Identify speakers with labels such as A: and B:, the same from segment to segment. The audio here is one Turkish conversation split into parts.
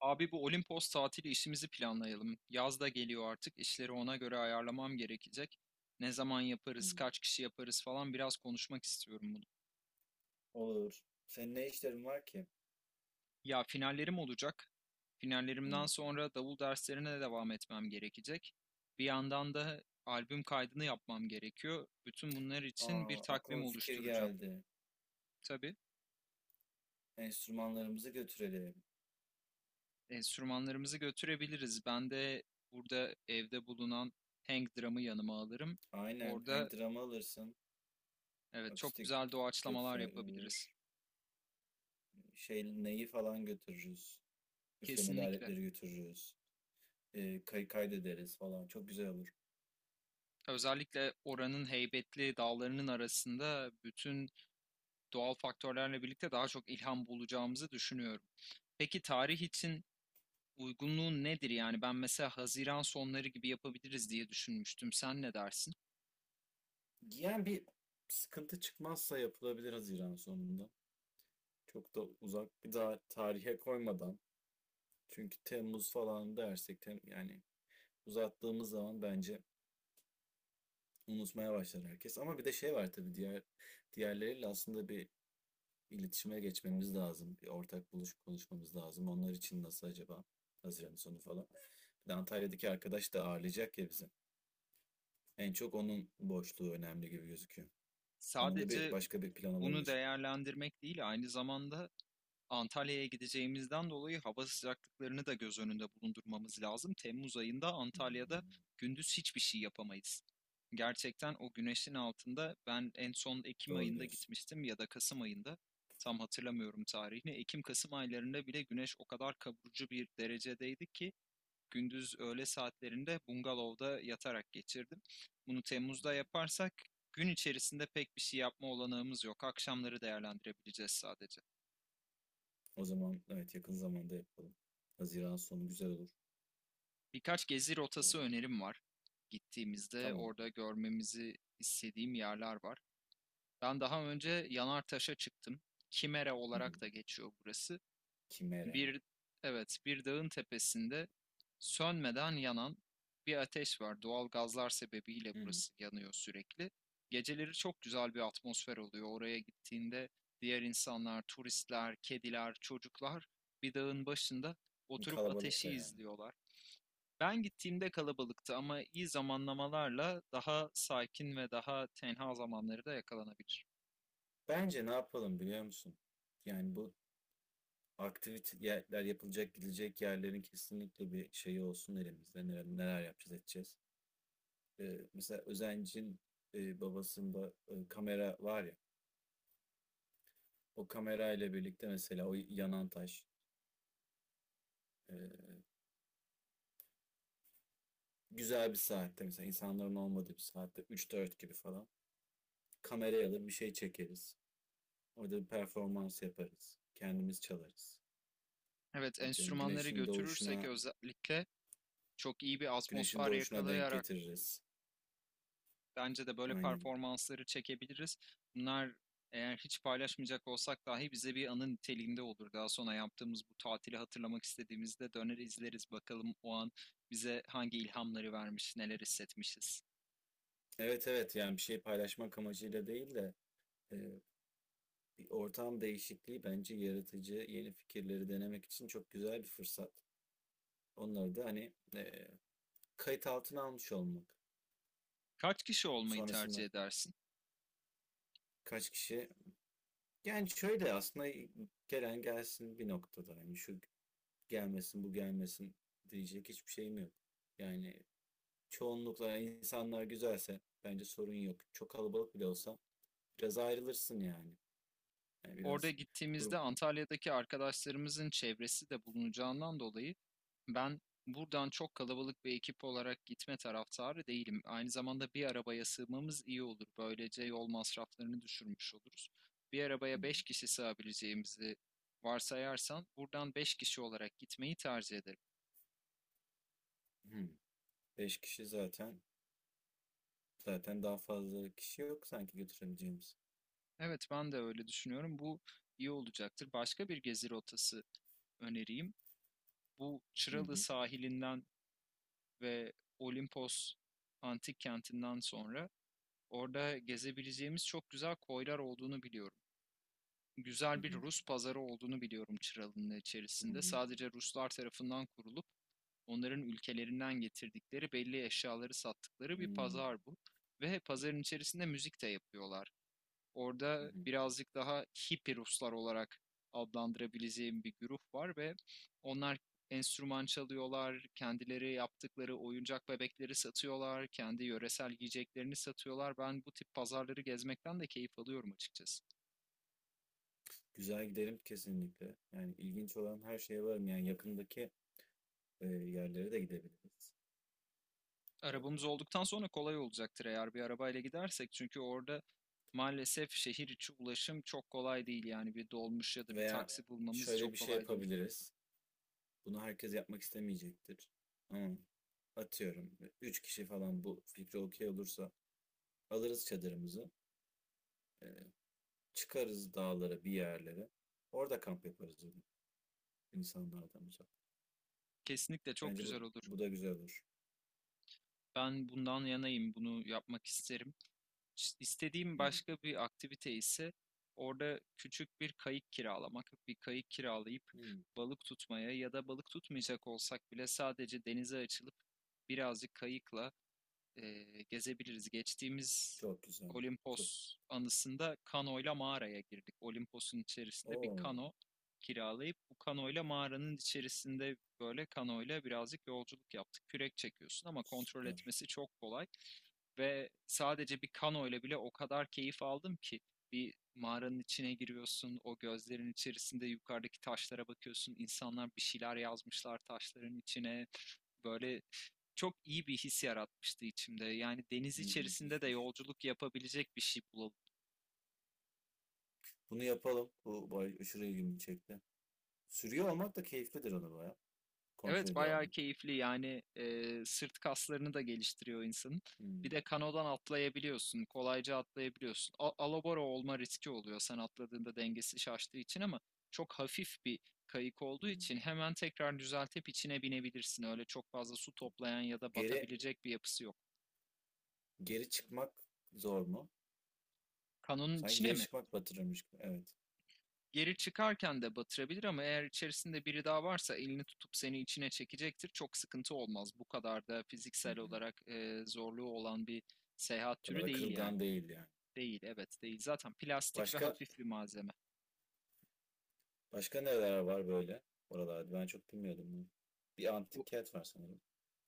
A: Abi bu Olimpos tatili işimizi planlayalım. Yaz da geliyor artık. İşleri ona göre ayarlamam gerekecek. Ne zaman
B: Hı.
A: yaparız, kaç kişi yaparız falan biraz konuşmak istiyorum bunu.
B: Olur. Senin ne işlerin var ki?
A: Ya finallerim olacak.
B: Hı.
A: Finallerimden sonra davul derslerine de devam etmem gerekecek. Bir yandan da albüm kaydını yapmam gerekiyor. Bütün bunlar için bir
B: Aa,
A: takvim
B: aklıma bir fikir
A: oluşturacağım.
B: geldi.
A: Tabii
B: Enstrümanlarımızı götürelim.
A: enstrümanlarımızı götürebiliriz. Ben de burada evde bulunan hang drum'ı yanıma alırım.
B: Aynen. Hang
A: Orada
B: drum'ı alırsın.
A: evet, çok
B: Akustik
A: güzel doğaçlamalar yapabiliriz.
B: götürür. Şey, neyi falan götürürüz. Üflemeli
A: Kesinlikle.
B: aletleri götürürüz. Kaydederiz falan. Çok güzel olur.
A: Özellikle oranın heybetli dağlarının arasında bütün doğal faktörlerle birlikte daha çok ilham bulacağımızı düşünüyorum. Peki tarih için uygunluğu nedir? Yani ben mesela Haziran sonları gibi yapabiliriz diye düşünmüştüm. Sen ne dersin?
B: Yani bir sıkıntı çıkmazsa yapılabilir Haziran sonunda. Çok da uzak bir daha tarihe koymadan. Çünkü Temmuz falan dersek yani uzattığımız zaman bence unutmaya başlar herkes. Ama bir de şey var tabii diğerleriyle aslında bir iletişime geçmemiz lazım. Bir ortak buluşup konuşmamız lazım. Onlar için nasıl acaba? Haziran sonu falan. Bir de Antalya'daki arkadaş da ağırlayacak ya bizi. En çok onun boşluğu önemli gibi gözüküyor. Onu da bir
A: Sadece
B: başka bir plan
A: bunu
B: olabilir.
A: değerlendirmek değil, aynı zamanda Antalya'ya gideceğimizden dolayı hava sıcaklıklarını da göz önünde bulundurmamız lazım. Temmuz ayında
B: Hmm,
A: Antalya'da gündüz hiçbir şey yapamayız. Gerçekten o güneşin altında ben en son Ekim
B: doğru
A: ayında
B: diyorsun.
A: gitmiştim ya da Kasım ayında tam hatırlamıyorum tarihini. Ekim-Kasım aylarında bile güneş o kadar kavurucu bir derecedeydi ki gündüz öğle saatlerinde bungalovda yatarak geçirdim. Bunu Temmuz'da yaparsak gün içerisinde pek bir şey yapma olanağımız yok. Akşamları değerlendirebileceğiz sadece.
B: O zaman evet, yakın zamanda yapalım. Haziran sonu güzel olur.
A: Birkaç gezi
B: Ee,
A: rotası önerim var. Gittiğimizde
B: Tamam.
A: orada görmemizi istediğim yerler var. Ben daha önce Yanartaş'a çıktım. Kimera
B: Hı hı.
A: olarak da geçiyor burası.
B: Kimere.
A: Bir, evet, bir dağın tepesinde sönmeden yanan bir ateş var. Doğal gazlar sebebiyle
B: Hı hı.
A: burası yanıyor sürekli. Geceleri çok güzel bir atmosfer oluyor. Oraya gittiğinde diğer insanlar, turistler, kediler, çocuklar bir dağın başında oturup
B: Kalabalık da
A: ateşi
B: yani.
A: izliyorlar. Ben gittiğimde kalabalıktı ama iyi zamanlamalarla daha sakin ve daha tenha zamanları da yakalanabilir.
B: Bence ne yapalım biliyor musun? Yani bu aktiviteler yapılacak, gidecek yerlerin kesinlikle bir şeyi olsun elimizde. Neler, neler yapacağız, edeceğiz. Mesela Özencin babasında kamera var ya. O kamera ile birlikte mesela o yanan taş, e, güzel bir saatte, mesela insanların olmadığı bir saatte, üç dört gibi falan kameraya alır bir şey çekeriz. Orada bir performans yaparız. Kendimiz çalarız.
A: Evet,
B: Atıyorum
A: enstrümanları
B: güneşin
A: götürürsek
B: doğuşuna,
A: özellikle çok iyi bir
B: güneşin
A: atmosfer
B: doğuşuna denk
A: yakalayarak
B: getiririz.
A: bence de böyle
B: Aynen.
A: performansları çekebiliriz. Bunlar eğer hiç paylaşmayacak olsak dahi bize bir anı niteliğinde olur. Daha sonra yaptığımız bu tatili hatırlamak istediğimizde döner izleriz bakalım o an bize hangi ilhamları vermiş, neler hissetmişiz.
B: Evet, evet, yani bir şey paylaşmak amacıyla değil de e, bir ortam değişikliği bence yaratıcı yeni fikirleri denemek için çok güzel bir fırsat. Onları da hani kayıt altına almış olmak.
A: Kaç kişi olmayı tercih
B: Sonrasında
A: edersin?
B: kaç kişi, yani şöyle aslında, gelen gelsin bir noktada. Yani şu gelmesin, bu gelmesin diyecek hiçbir şeyim yok. Yani çoğunlukla insanlar güzelse bence sorun yok. Çok kalabalık bile olsa biraz ayrılırsın yani. Yani
A: Orada
B: biraz grup.
A: gittiğimizde Antalya'daki arkadaşlarımızın çevresi de bulunacağından dolayı ben buradan çok kalabalık bir ekip olarak gitme taraftarı değilim. Aynı zamanda bir arabaya sığmamız iyi olur. Böylece yol masraflarını düşürmüş oluruz. Bir arabaya 5
B: Hmm,
A: kişi sığabileceğimizi varsayarsan buradan 5 kişi olarak gitmeyi tercih ederim.
B: hmm, 5 kişi zaten. Zaten daha fazla kişi yok sanki götürebileceğimiz.
A: Evet, ben de öyle düşünüyorum. Bu iyi olacaktır. Başka bir gezi rotası önereyim. Bu
B: Hı
A: Çıralı
B: hı,
A: sahilinden ve Olimpos antik kentinden sonra orada gezebileceğimiz çok güzel koylar olduğunu biliyorum.
B: hı
A: Güzel bir
B: hı,
A: Rus pazarı olduğunu biliyorum Çıralı'nın
B: hı
A: içerisinde.
B: hı,
A: Sadece Ruslar tarafından kurulup onların ülkelerinden getirdikleri belli eşyaları sattıkları bir
B: hımm,
A: pazar bu. Ve pazarın içerisinde müzik de yapıyorlar.
B: hı
A: Orada
B: hı.
A: birazcık daha hippie Ruslar olarak adlandırabileceğim bir grup var ve onlar enstrüman çalıyorlar, kendileri yaptıkları oyuncak bebekleri satıyorlar, kendi yöresel yiyeceklerini satıyorlar. Ben bu tip pazarları gezmekten de keyif alıyorum açıkçası.
B: Güzel, giderim kesinlikle. Yani ilginç olan her şeye varım. Yani yakındaki, yerlere de gidebiliriz.
A: Arabamız
B: Eee,
A: olduktan sonra kolay olacaktır eğer bir arabayla gidersek, çünkü orada maalesef şehir içi ulaşım çok kolay değil, yani bir dolmuş ya da bir
B: veya
A: taksi bulmamız
B: şöyle
A: çok
B: bir şey
A: kolay değil.
B: yapabiliriz. Bunu herkes yapmak istemeyecektir. Ama atıyorum 3 kişi falan bu fikre okey olursa alırız çadırımızı. eee, Çıkarız dağlara bir yerlere. Orada kamp yaparız, insanlardan uzak.
A: Kesinlikle çok
B: Bence
A: güzel olur.
B: bu da güzel olur.
A: Ben bundan yanayım, bunu yapmak isterim. İşte, İstediğim başka bir aktivite ise orada küçük bir kayık kiralamak, bir kayık kiralayıp
B: Hmm,
A: balık tutmaya ya da balık tutmayacak olsak bile sadece denize açılıp birazcık kayıkla e, gezebiliriz. Geçtiğimiz
B: çok güzel. Çok.
A: Olimpos anısında kanoyla mağaraya girdik. Olimpos'un içerisinde bir
B: Oo,
A: kano kiralayıp bu kanoyla mağaranın içerisinde böyle kanoyla birazcık yolculuk yaptık. Kürek çekiyorsun ama kontrol
B: süper.
A: etmesi çok kolay ve sadece bir kanoyla bile o kadar keyif aldım ki bir mağaranın içine giriyorsun, o gözlerin içerisinde yukarıdaki taşlara bakıyorsun, insanlar bir şeyler yazmışlar taşların içine, böyle çok iyi bir his yaratmıştı içimde. Yani deniz içerisinde de
B: Müthişmiş.
A: yolculuk yapabilecek bir şey bulalım.
B: Bunu yapalım. Bu bay aşırı ilgimi çekti. Sürüyor olmak da keyiflidir onu, baya. Kontrol
A: Evet,
B: ediyor
A: bayağı
B: olmak.
A: keyifli yani, sırt kaslarını da geliştiriyor insanın. Bir
B: Hmm,
A: de kanodan atlayabiliyorsun, kolayca atlayabiliyorsun. Alabora olma riski oluyor sen atladığında dengesi şaştığı için ama çok hafif bir kayık olduğu
B: hmm.
A: için hemen tekrar düzeltip içine binebilirsin. Öyle çok fazla su toplayan ya da
B: Geri
A: batabilecek bir yapısı yok.
B: Geri çıkmak zor mu?
A: Kanonun
B: Sanki
A: içine
B: geri
A: mi?
B: çıkmak batırırmış gibi. Evet.
A: Geri çıkarken de batırabilir ama eğer içerisinde biri daha varsa elini tutup seni içine çekecektir. Çok sıkıntı olmaz. Bu kadar da
B: Hı
A: fiziksel
B: hı.
A: olarak zorluğu olan bir seyahat
B: O kadar
A: türü
B: da
A: değil yani.
B: kırılgan değil yani.
A: Değil, evet değil. Zaten plastik ve
B: Başka
A: hafif bir malzeme.
B: Başka neler var böyle oralarda? Ben çok bilmiyordum bunu. Bir
A: O-
B: antik kent var sanırım.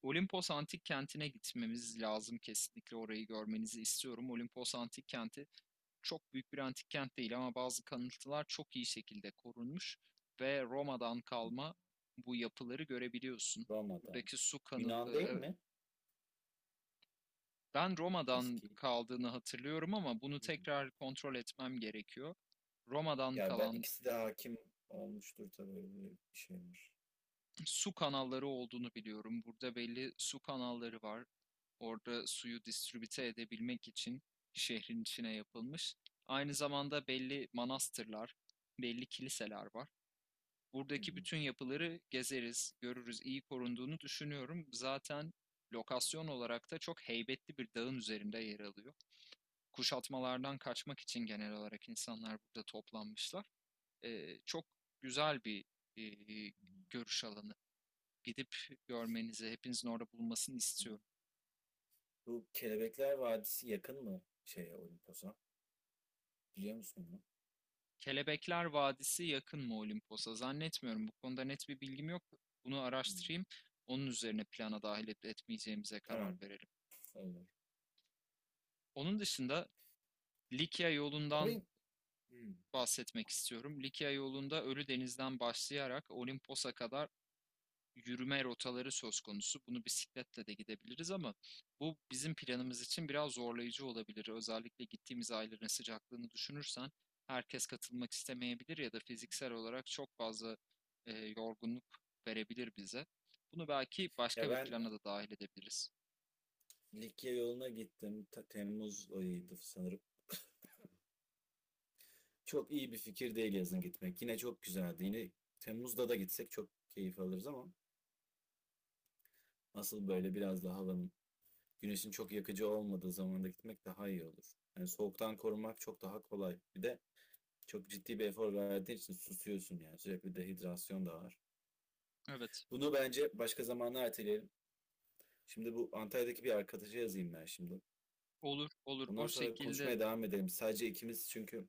A: Olimpos Antik Kenti'ne gitmemiz lazım, kesinlikle orayı görmenizi istiyorum. Olimpos Antik Kenti çok büyük bir antik kent değil ama bazı kalıntılar çok iyi şekilde korunmuş ve Roma'dan
B: Hı. Hı.
A: kalma bu yapıları görebiliyorsun.
B: Roma'da.
A: Buradaki su kanı,
B: Yunan değil mi?
A: ben Roma'dan
B: Eski.
A: kaldığını hatırlıyorum ama bunu
B: Hı.
A: tekrar kontrol etmem gerekiyor. Roma'dan
B: Ya ben,
A: kalan
B: ikisi de hakim olmuştur tabii, öyle bir şeymiş.
A: su kanalları olduğunu biliyorum. Burada belli su kanalları var. Orada suyu distribüte edebilmek için şehrin içine yapılmış. Aynı zamanda belli manastırlar, belli kiliseler var.
B: Hı
A: Buradaki
B: hı.
A: bütün yapıları gezeriz, görürüz. İyi korunduğunu düşünüyorum. Zaten lokasyon olarak da çok heybetli bir dağın üzerinde yer alıyor. Kuşatmalardan kaçmak için genel olarak insanlar burada toplanmışlar. Çok güzel bir e, görüş alanı. Gidip görmenizi, hepinizin orada bulunmasını istiyorum.
B: Bu Kelebekler Vadisi yakın mı şeye, Olimpos'a? Biliyor musun bunu?
A: Kelebekler Vadisi yakın mı Olimpos'a? Zannetmiyorum. Bu konuda net bir bilgim yok. Bunu
B: Hı.
A: araştırayım. Onun üzerine plana dahil edip etmeyeceğimize karar
B: Tamam.
A: verelim.
B: Olur.
A: Onun dışında Likya
B: Ya
A: yolundan
B: ben, hı.
A: bahsetmek istiyorum. Likya yolunda Ölü Deniz'den başlayarak Olimpos'a kadar yürüme rotaları söz konusu. Bunu bisikletle de gidebiliriz ama bu bizim planımız için biraz zorlayıcı olabilir. Özellikle gittiğimiz ayların sıcaklığını düşünürsen herkes katılmak istemeyebilir ya da fiziksel olarak çok fazla yorgunluk verebilir bize. Bunu belki
B: Ya
A: başka bir
B: ben
A: plana da dahil edebiliriz.
B: Likya yoluna gittim. Temmuz ayıydı sanırım. Çok iyi bir fikir değil yazın gitmek. Yine çok güzeldi. Yine Temmuz'da da gitsek çok keyif alırız ama asıl böyle biraz daha havanın, güneşin çok yakıcı olmadığı zamanda gitmek daha iyi olur. Yani soğuktan korunmak çok daha kolay. Bir de çok ciddi bir efor verdiğin için susuyorsun yani. Sürekli dehidrasyon da var.
A: Evet,
B: Bunu bence başka zamanlar erteleyelim. Şimdi bu Antalya'daki bir arkadaşa yazayım ben şimdi.
A: olur, olur.
B: Ondan
A: O
B: sonra
A: şekilde
B: konuşmaya devam edelim. Sadece ikimiz, çünkü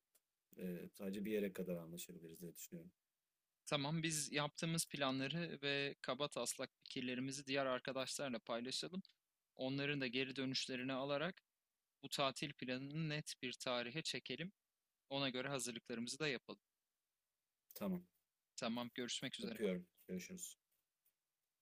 B: sadece bir yere kadar anlaşabiliriz diye düşünüyorum.
A: tamam, biz yaptığımız planları ve kaba taslak fikirlerimizi diğer arkadaşlarla paylaşalım. Onların da geri dönüşlerini alarak bu tatil planını net bir tarihe çekelim. Ona göre hazırlıklarımızı da yapalım.
B: Tamam.
A: Tamam, görüşmek üzere.
B: Öpüyorum. Görüşürüz.